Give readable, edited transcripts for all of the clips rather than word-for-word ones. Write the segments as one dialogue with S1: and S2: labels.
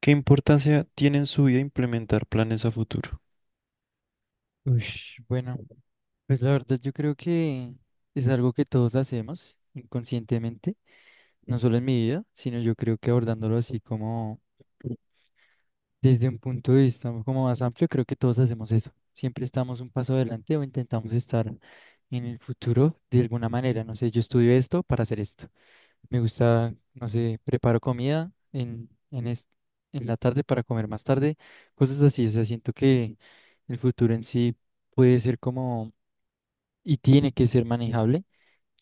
S1: ¿Qué importancia tiene en su vida implementar planes a futuro?
S2: Ush, bueno, pues la verdad yo creo que es algo que todos hacemos inconscientemente, no solo en mi vida, sino yo creo que abordándolo así como desde un punto de vista como más amplio, creo que todos hacemos eso. Siempre estamos un paso adelante o intentamos estar en el futuro de alguna manera. No sé, yo estudio esto para hacer esto. Me gusta, no sé, preparo comida en la tarde para comer más tarde, cosas así. O sea, siento que el futuro en sí puede ser como y tiene que ser manejable.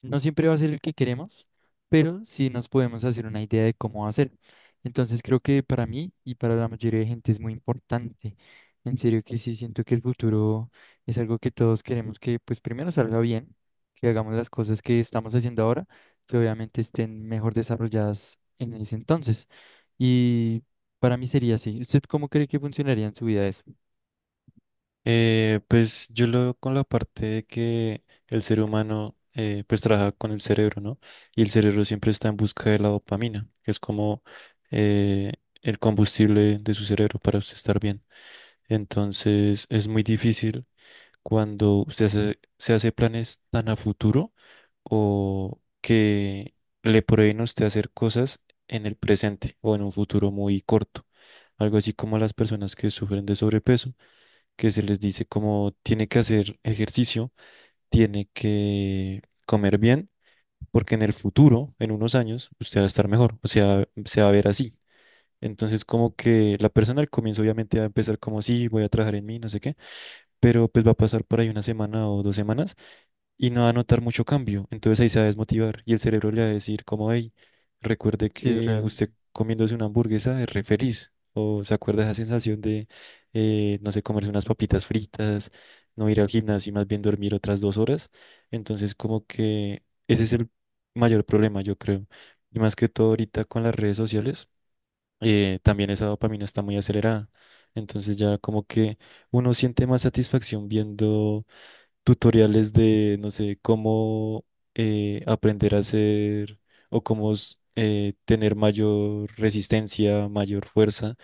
S2: No siempre va a ser el que queremos, pero sí nos podemos hacer una idea de cómo va a ser. Entonces creo que para mí y para la mayoría de gente es muy importante. En serio que sí siento que el futuro es algo que todos queremos que pues primero salga bien, que hagamos las cosas que estamos haciendo ahora, que obviamente estén mejor desarrolladas en ese entonces. Y para mí sería así. ¿Usted cómo cree que funcionaría en su vida eso?
S1: Pues yo lo veo con la parte de que el ser humano pues trabaja con el cerebro, ¿no? Y el cerebro siempre está en busca de la dopamina, que es como eh, el combustible de su cerebro para usted estar bien. Entonces es muy difícil cuando usted se hace planes tan a futuro o que le prohíben a usted hacer cosas en el presente o en un futuro muy corto. Algo así como a las personas que sufren de sobrepeso, que se les dice como tiene que hacer ejercicio, tiene que comer bien, porque en el futuro, en unos años, usted va a estar mejor, o sea, se va a ver así. Entonces, como que la persona al comienzo obviamente va a empezar como sí, voy a trabajar en mí, no sé qué, pero pues va a pasar por ahí una semana o 2 semanas y no va a notar mucho cambio. Entonces ahí se va a desmotivar y el cerebro le va a decir como, hey, recuerde
S2: Sí, es
S1: que
S2: real.
S1: usted comiéndose una hamburguesa es re feliz. O se acuerda esa sensación de no sé, comerse unas papitas fritas, no ir al gimnasio y más bien dormir otras 2 horas. Entonces como que ese es el mayor problema, yo creo. Y más que todo ahorita con las redes sociales, también esa dopamina está muy acelerada. Entonces ya como que uno siente más satisfacción viendo tutoriales de, no sé, cómo aprender a hacer o cómo tener mayor resistencia, mayor fuerza.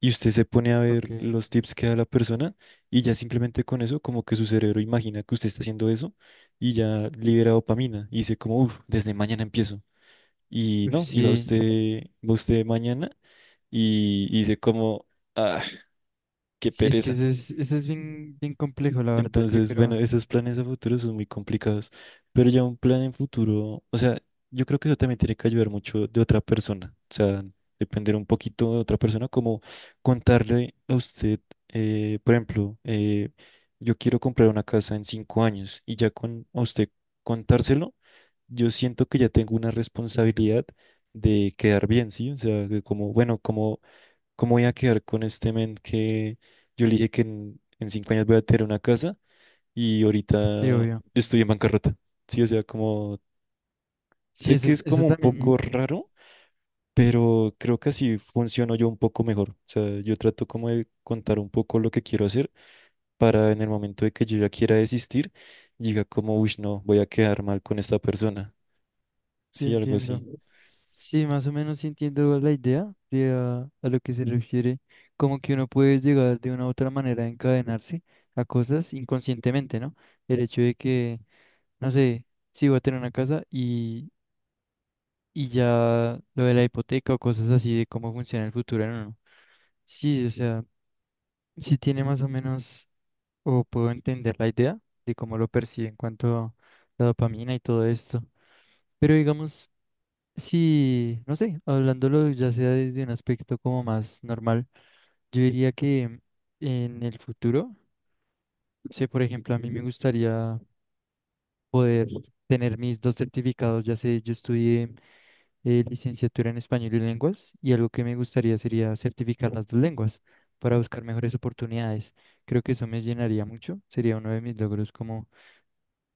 S1: Y usted se pone a
S2: Ok.
S1: ver los tips que da la persona y ya simplemente con eso, como que su cerebro imagina que usted está haciendo eso y ya libera dopamina y dice como, uff, desde mañana empiezo. Y
S2: Uf,
S1: no, y
S2: sí.
S1: va usted mañana y dice como, ah, qué
S2: Sí, es que
S1: pereza.
S2: eso es bien, bien complejo, la verdad, yo
S1: Entonces, bueno,
S2: creo.
S1: esos planes a futuro son muy complicados, pero ya un plan en futuro, o sea, yo creo que eso también tiene que ayudar mucho de otra persona, o sea, depender un poquito de otra persona, como contarle a usted, por ejemplo, yo quiero comprar una casa en 5 años y ya con a usted contárselo, yo siento que ya tengo una responsabilidad de quedar bien, ¿sí? O sea, de como, bueno, como, ¿cómo voy a quedar con este men que yo le dije que en 5 años voy a tener una casa? Y ahorita
S2: Sí, obvio.
S1: estoy en bancarrota. Sí, o sea, como
S2: Sí,
S1: sé
S2: eso,
S1: que es
S2: eso
S1: como un
S2: también,
S1: poco raro, pero creo que así funciono yo un poco mejor. O sea, yo trato como de contar un poco lo que quiero hacer para en el momento de que yo ya quiera desistir, diga como, uy, no, voy a quedar mal con esta persona.
S2: sí
S1: Sí, algo
S2: entiendo.
S1: así.
S2: Sí, más o menos sí entiendo la idea de a lo que se refiere, como que uno puede llegar de una u otra manera a encadenarse a cosas inconscientemente, ¿no? El hecho de que, no sé, si voy a tener una casa y ya lo de la hipoteca o cosas así de cómo funciona el futuro en uno. Sí, o sea, sí tiene más o menos o puedo entender la idea de cómo lo percibe en cuanto a la dopamina y todo esto. Pero digamos, si, no sé, hablándolo ya sea desde un aspecto como más normal, yo diría que en el futuro, no sé, por ejemplo, a mí me gustaría poder tener mis dos certificados, ya sé, yo estudié licenciatura en español y lenguas, y algo que me gustaría sería certificar las dos lenguas para buscar mejores oportunidades. Creo que eso me llenaría mucho, sería uno de mis logros como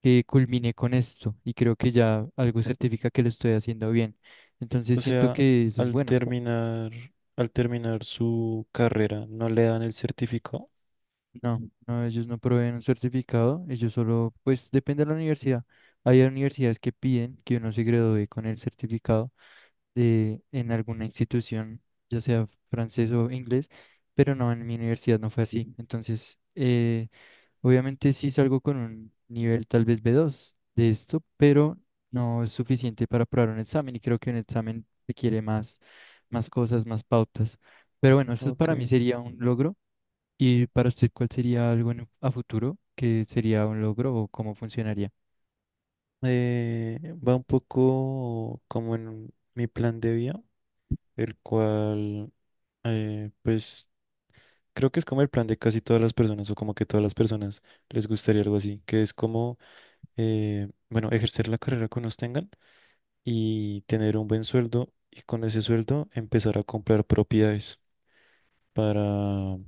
S2: que culmine con esto y creo que ya algo certifica que lo estoy haciendo bien. Entonces
S1: O
S2: siento
S1: sea,
S2: que eso es
S1: al
S2: bueno.
S1: terminar, al terminar su carrera, no le dan el certificado.
S2: No, no, ellos no proveen un certificado, ellos solo, pues depende de la universidad. Hay universidades que piden que uno se gradúe con el certificado de, en alguna institución, ya sea francés o inglés, pero no, en mi universidad no fue así. Entonces, obviamente sí salgo con un nivel tal vez B2 de esto, pero no es suficiente para aprobar un examen y creo que un examen requiere más, más cosas, más pautas. Pero bueno, eso
S1: Ok.
S2: para mí sería un logro. ¿Y para usted cuál sería algo a futuro que sería un logro o cómo funcionaría?
S1: Eh, va un poco como en mi plan de vida, el cual, pues creo que es como el plan de casi todas las personas o como que todas las personas les gustaría algo así, que es como, bueno, ejercer la carrera que nos tengan y tener un buen sueldo y con ese sueldo empezar a comprar propiedades para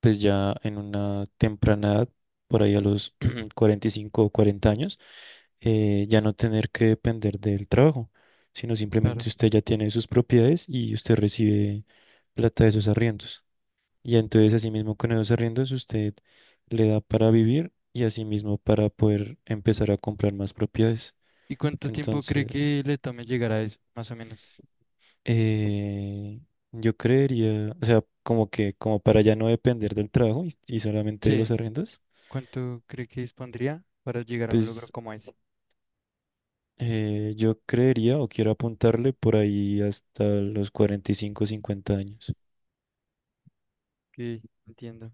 S1: pues ya en una temprana edad, por ahí a los 45 o 40 años, ya no tener que depender del trabajo, sino
S2: Claro.
S1: simplemente usted ya tiene sus propiedades y usted recibe plata de esos arriendos. Y entonces asimismo con esos arriendos usted le da para vivir y asimismo para poder empezar a comprar más propiedades.
S2: ¿Y cuánto tiempo cree
S1: Entonces,
S2: que le tome llegar a eso, más o menos?
S1: eh, yo creería, o sea, como que como para ya no depender del trabajo y solamente de los
S2: Sí,
S1: arriendos,
S2: ¿cuánto cree que dispondría para llegar a un logro
S1: pues.
S2: como ese?
S1: Yo creería o quiero apuntarle por ahí hasta los 45 o 50 años.
S2: Que entiendo,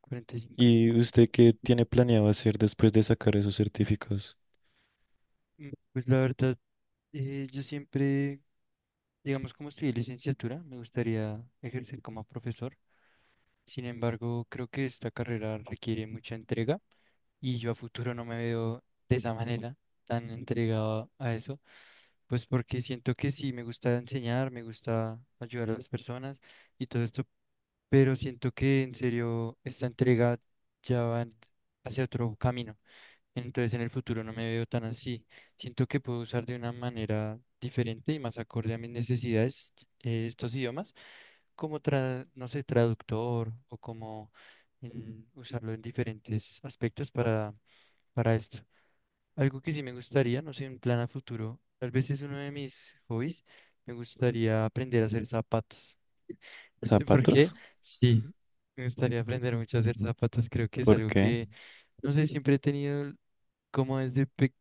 S2: 45,
S1: ¿Y
S2: 50.
S1: usted qué tiene planeado hacer después de sacar esos certificados?
S2: Mm, pues la verdad. Yo siempre, digamos, como estudié licenciatura, me gustaría ejercer como profesor. Sin embargo, creo que esta carrera requiere mucha entrega y yo a futuro no me veo de esa manera tan entregado a eso, pues porque siento que sí, me gusta enseñar, me gusta ayudar a las personas y todo esto, pero siento que en serio esta entrega ya va hacia otro camino. Entonces en el futuro no me veo tan así. Siento que puedo usar de una manera diferente y más acorde a mis necesidades estos idiomas, como no sé, traductor o como en usarlo en diferentes aspectos para esto. Algo que sí me gustaría, no sé, un plan a futuro, tal vez es uno de mis hobbies, me gustaría aprender a hacer zapatos. No sé por qué,
S1: ¿Zapatos?
S2: sí, me gustaría aprender mucho a hacer zapatos, creo que es
S1: ¿Por
S2: algo
S1: qué?
S2: que, no sé, siempre he tenido como desde pequeño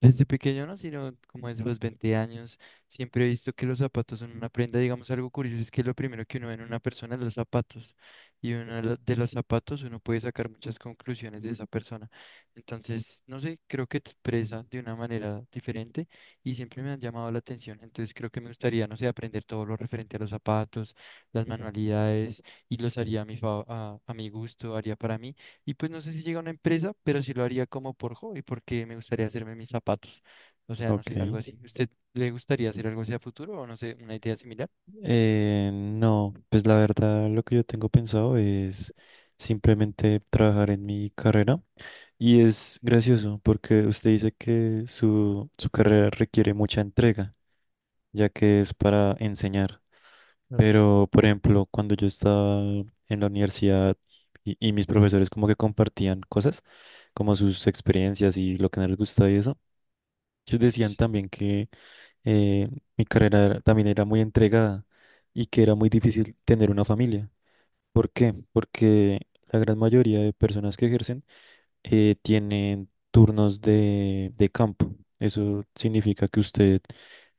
S2: desde pequeño, no, sino como desde los 20 años, siempre he visto que los zapatos son una prenda. Digamos, algo curioso es que lo primero que uno ve en una persona es los zapatos. Y uno de de los zapatos uno puede sacar muchas conclusiones de esa persona. Entonces, no sé, creo que expresa de una manera diferente y siempre me han llamado la atención. Entonces, creo que me gustaría, no sé, aprender todo lo referente a los zapatos, las manualidades y los haría a mi gusto, haría para mí. Y pues no sé si llega a una empresa, pero sí lo haría como por hobby, porque me gustaría hacerme mis zapatos. O sea, no
S1: Ok.
S2: sé, algo así. ¿Usted le gustaría hacer algo así a futuro o no sé, una idea similar?
S1: No, pues la verdad lo que yo tengo pensado es simplemente trabajar en mi carrera. Y es gracioso porque usted dice que su carrera requiere mucha entrega, ya que es para enseñar.
S2: Claro,
S1: Pero, por ejemplo, cuando yo estaba en la universidad y mis profesores como que compartían cosas, como sus experiencias y lo que no les gustaba y eso, ellos decían también que eh, mi también era muy entregada y que era muy difícil tener una familia. ¿Por qué? Porque la gran mayoría de personas que ejercen tienen turnos de campo. Eso significa que usted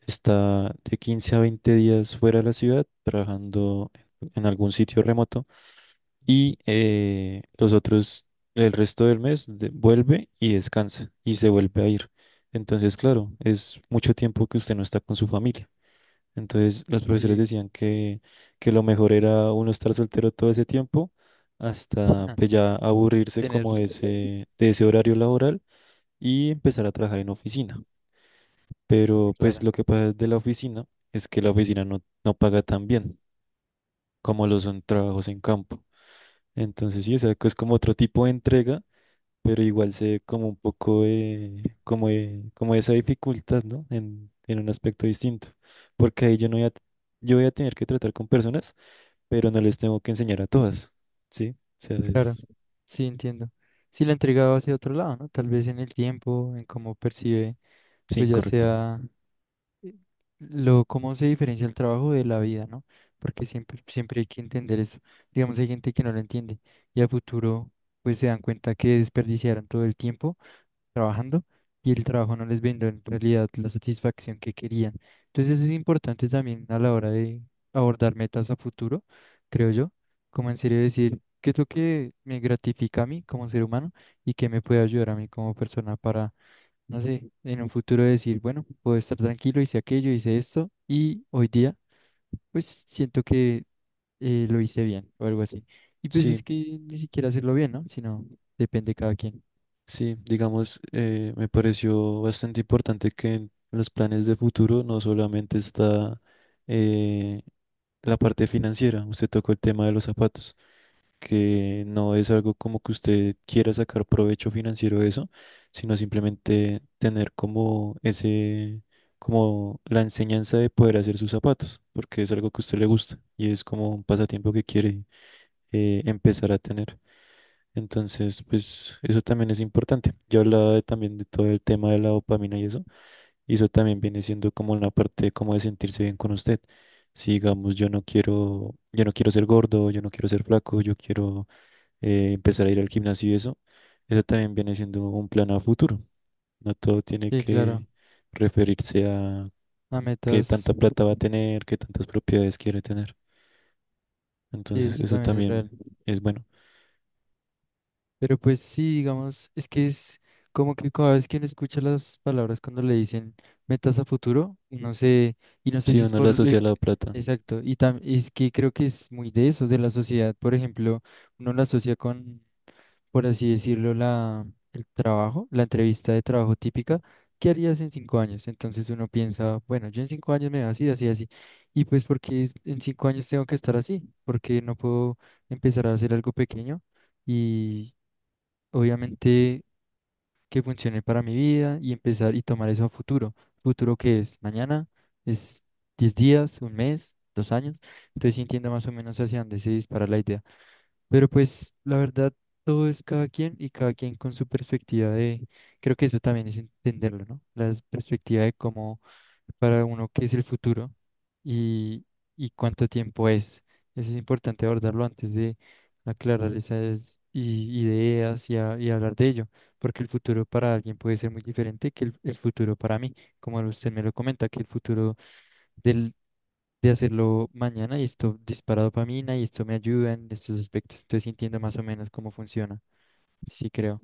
S1: está de 15 a 20 días fuera de la ciudad trabajando en algún sitio remoto y los otros, el resto del mes, vuelve y descansa y se vuelve a ir. Entonces, claro, es mucho tiempo que usted no está con su familia. Entonces los profesores
S2: sí,
S1: decían que lo mejor era uno estar soltero todo ese tiempo hasta
S2: ah,
S1: pues ya aburrirse
S2: tener
S1: como de ese horario laboral y empezar a trabajar en oficina. Pero pues
S2: clara.
S1: lo que pasa de la oficina es que la oficina no, no paga tan bien como lo son trabajos en campo. Entonces sí, o sea, que es como otro tipo de entrega, pero igual se ve como un poco de, como como esa dificultad, ¿no? En un aspecto distinto, porque ahí yo no voy a, yo voy a tener que tratar con personas pero no les tengo que enseñar a todas, ¿sí? O sea,
S2: Claro,
S1: es...
S2: sí, entiendo. Si la entregaba hacia otro lado, ¿no? Tal vez en el tiempo, en cómo percibe, pues
S1: Sí,
S2: ya
S1: correcto.
S2: sea lo, cómo se diferencia el trabajo de la vida, ¿no? Porque siempre, siempre hay que entender eso. Digamos, hay gente que no lo entiende y a futuro pues se dan cuenta que desperdiciaron todo el tiempo trabajando y el trabajo no les brindó en realidad la satisfacción que querían. Entonces eso es importante también a la hora de abordar metas a futuro, creo yo, como en serio decir qué es lo que me gratifica a mí como ser humano y qué me puede ayudar a mí como persona, no sé, en un futuro decir, bueno, puedo estar tranquilo, hice aquello, hice esto y hoy día pues siento que lo hice bien o algo así. Y pues es
S1: Sí,
S2: que ni siquiera hacerlo bien, ¿no? Sino depende de cada quien.
S1: sí, digamos, me pareció bastante importante que en los planes de futuro no solamente está eh, la parte financiera, usted tocó el tema de los zapatos, que no es algo como que usted quiera sacar provecho financiero de eso, sino simplemente tener como ese, como la enseñanza de poder hacer sus zapatos, porque es algo que a usted le gusta y es como un pasatiempo que quiere empezar a tener. Entonces, pues eso también es importante. Yo hablaba también de todo el tema de la dopamina y eso también viene siendo como una parte como de sentirse bien con usted. Si digamos, yo no quiero ser gordo, yo no quiero ser flaco, yo quiero empezar a ir al gimnasio y eso también viene siendo un plan a futuro. No todo tiene
S2: Sí, claro,
S1: que referirse a
S2: a
S1: qué
S2: metas,
S1: tanta plata va a tener, qué tantas propiedades quiere tener.
S2: sí,
S1: Entonces,
S2: eso
S1: eso
S2: también es real.
S1: también es bueno.
S2: Pero pues sí, digamos, es que es como que cada vez que uno escucha las palabras cuando le dicen metas a futuro, no sé, y no sé
S1: Si
S2: si es
S1: uno le
S2: por el...
S1: asocia a la plata.
S2: Exacto, y es que creo que es muy de eso, de la sociedad, por ejemplo uno la asocia con por así decirlo, el trabajo, la entrevista de trabajo típica, ¿qué harías en 5 años? Entonces uno piensa, bueno, yo en 5 años me veo así, así, así. Y pues porque en 5 años tengo que estar así, porque no puedo empezar a hacer algo pequeño y obviamente que funcione para mi vida y empezar y tomar eso a futuro. ¿Futuro que es? ¿Mañana? ¿Es 10 días? ¿Un mes? ¿2 años? Entonces sí entiendo más o menos hacia dónde se dispara la idea. Pero pues la verdad, todo es cada quien y cada quien con su perspectiva de, creo que eso también es entenderlo, ¿no? La perspectiva de cómo para uno qué es el futuro y, y cuánto tiempo es. Eso es importante abordarlo antes de aclarar esas ideas y, y hablar de ello, porque el futuro para alguien puede ser muy diferente que el futuro para mí, como usted me lo comenta, que el futuro de hacerlo mañana y esto dispara dopamina y esto me ayuda en estos aspectos. Estoy sintiendo más o menos cómo funciona. Sí, creo.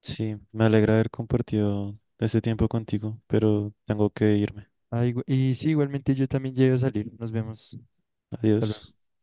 S1: Sí, me alegra haber compartido este tiempo contigo, pero tengo que irme.
S2: Ah, y sí, igualmente yo también llego a salir. Nos vemos. Hasta luego.
S1: Adiós.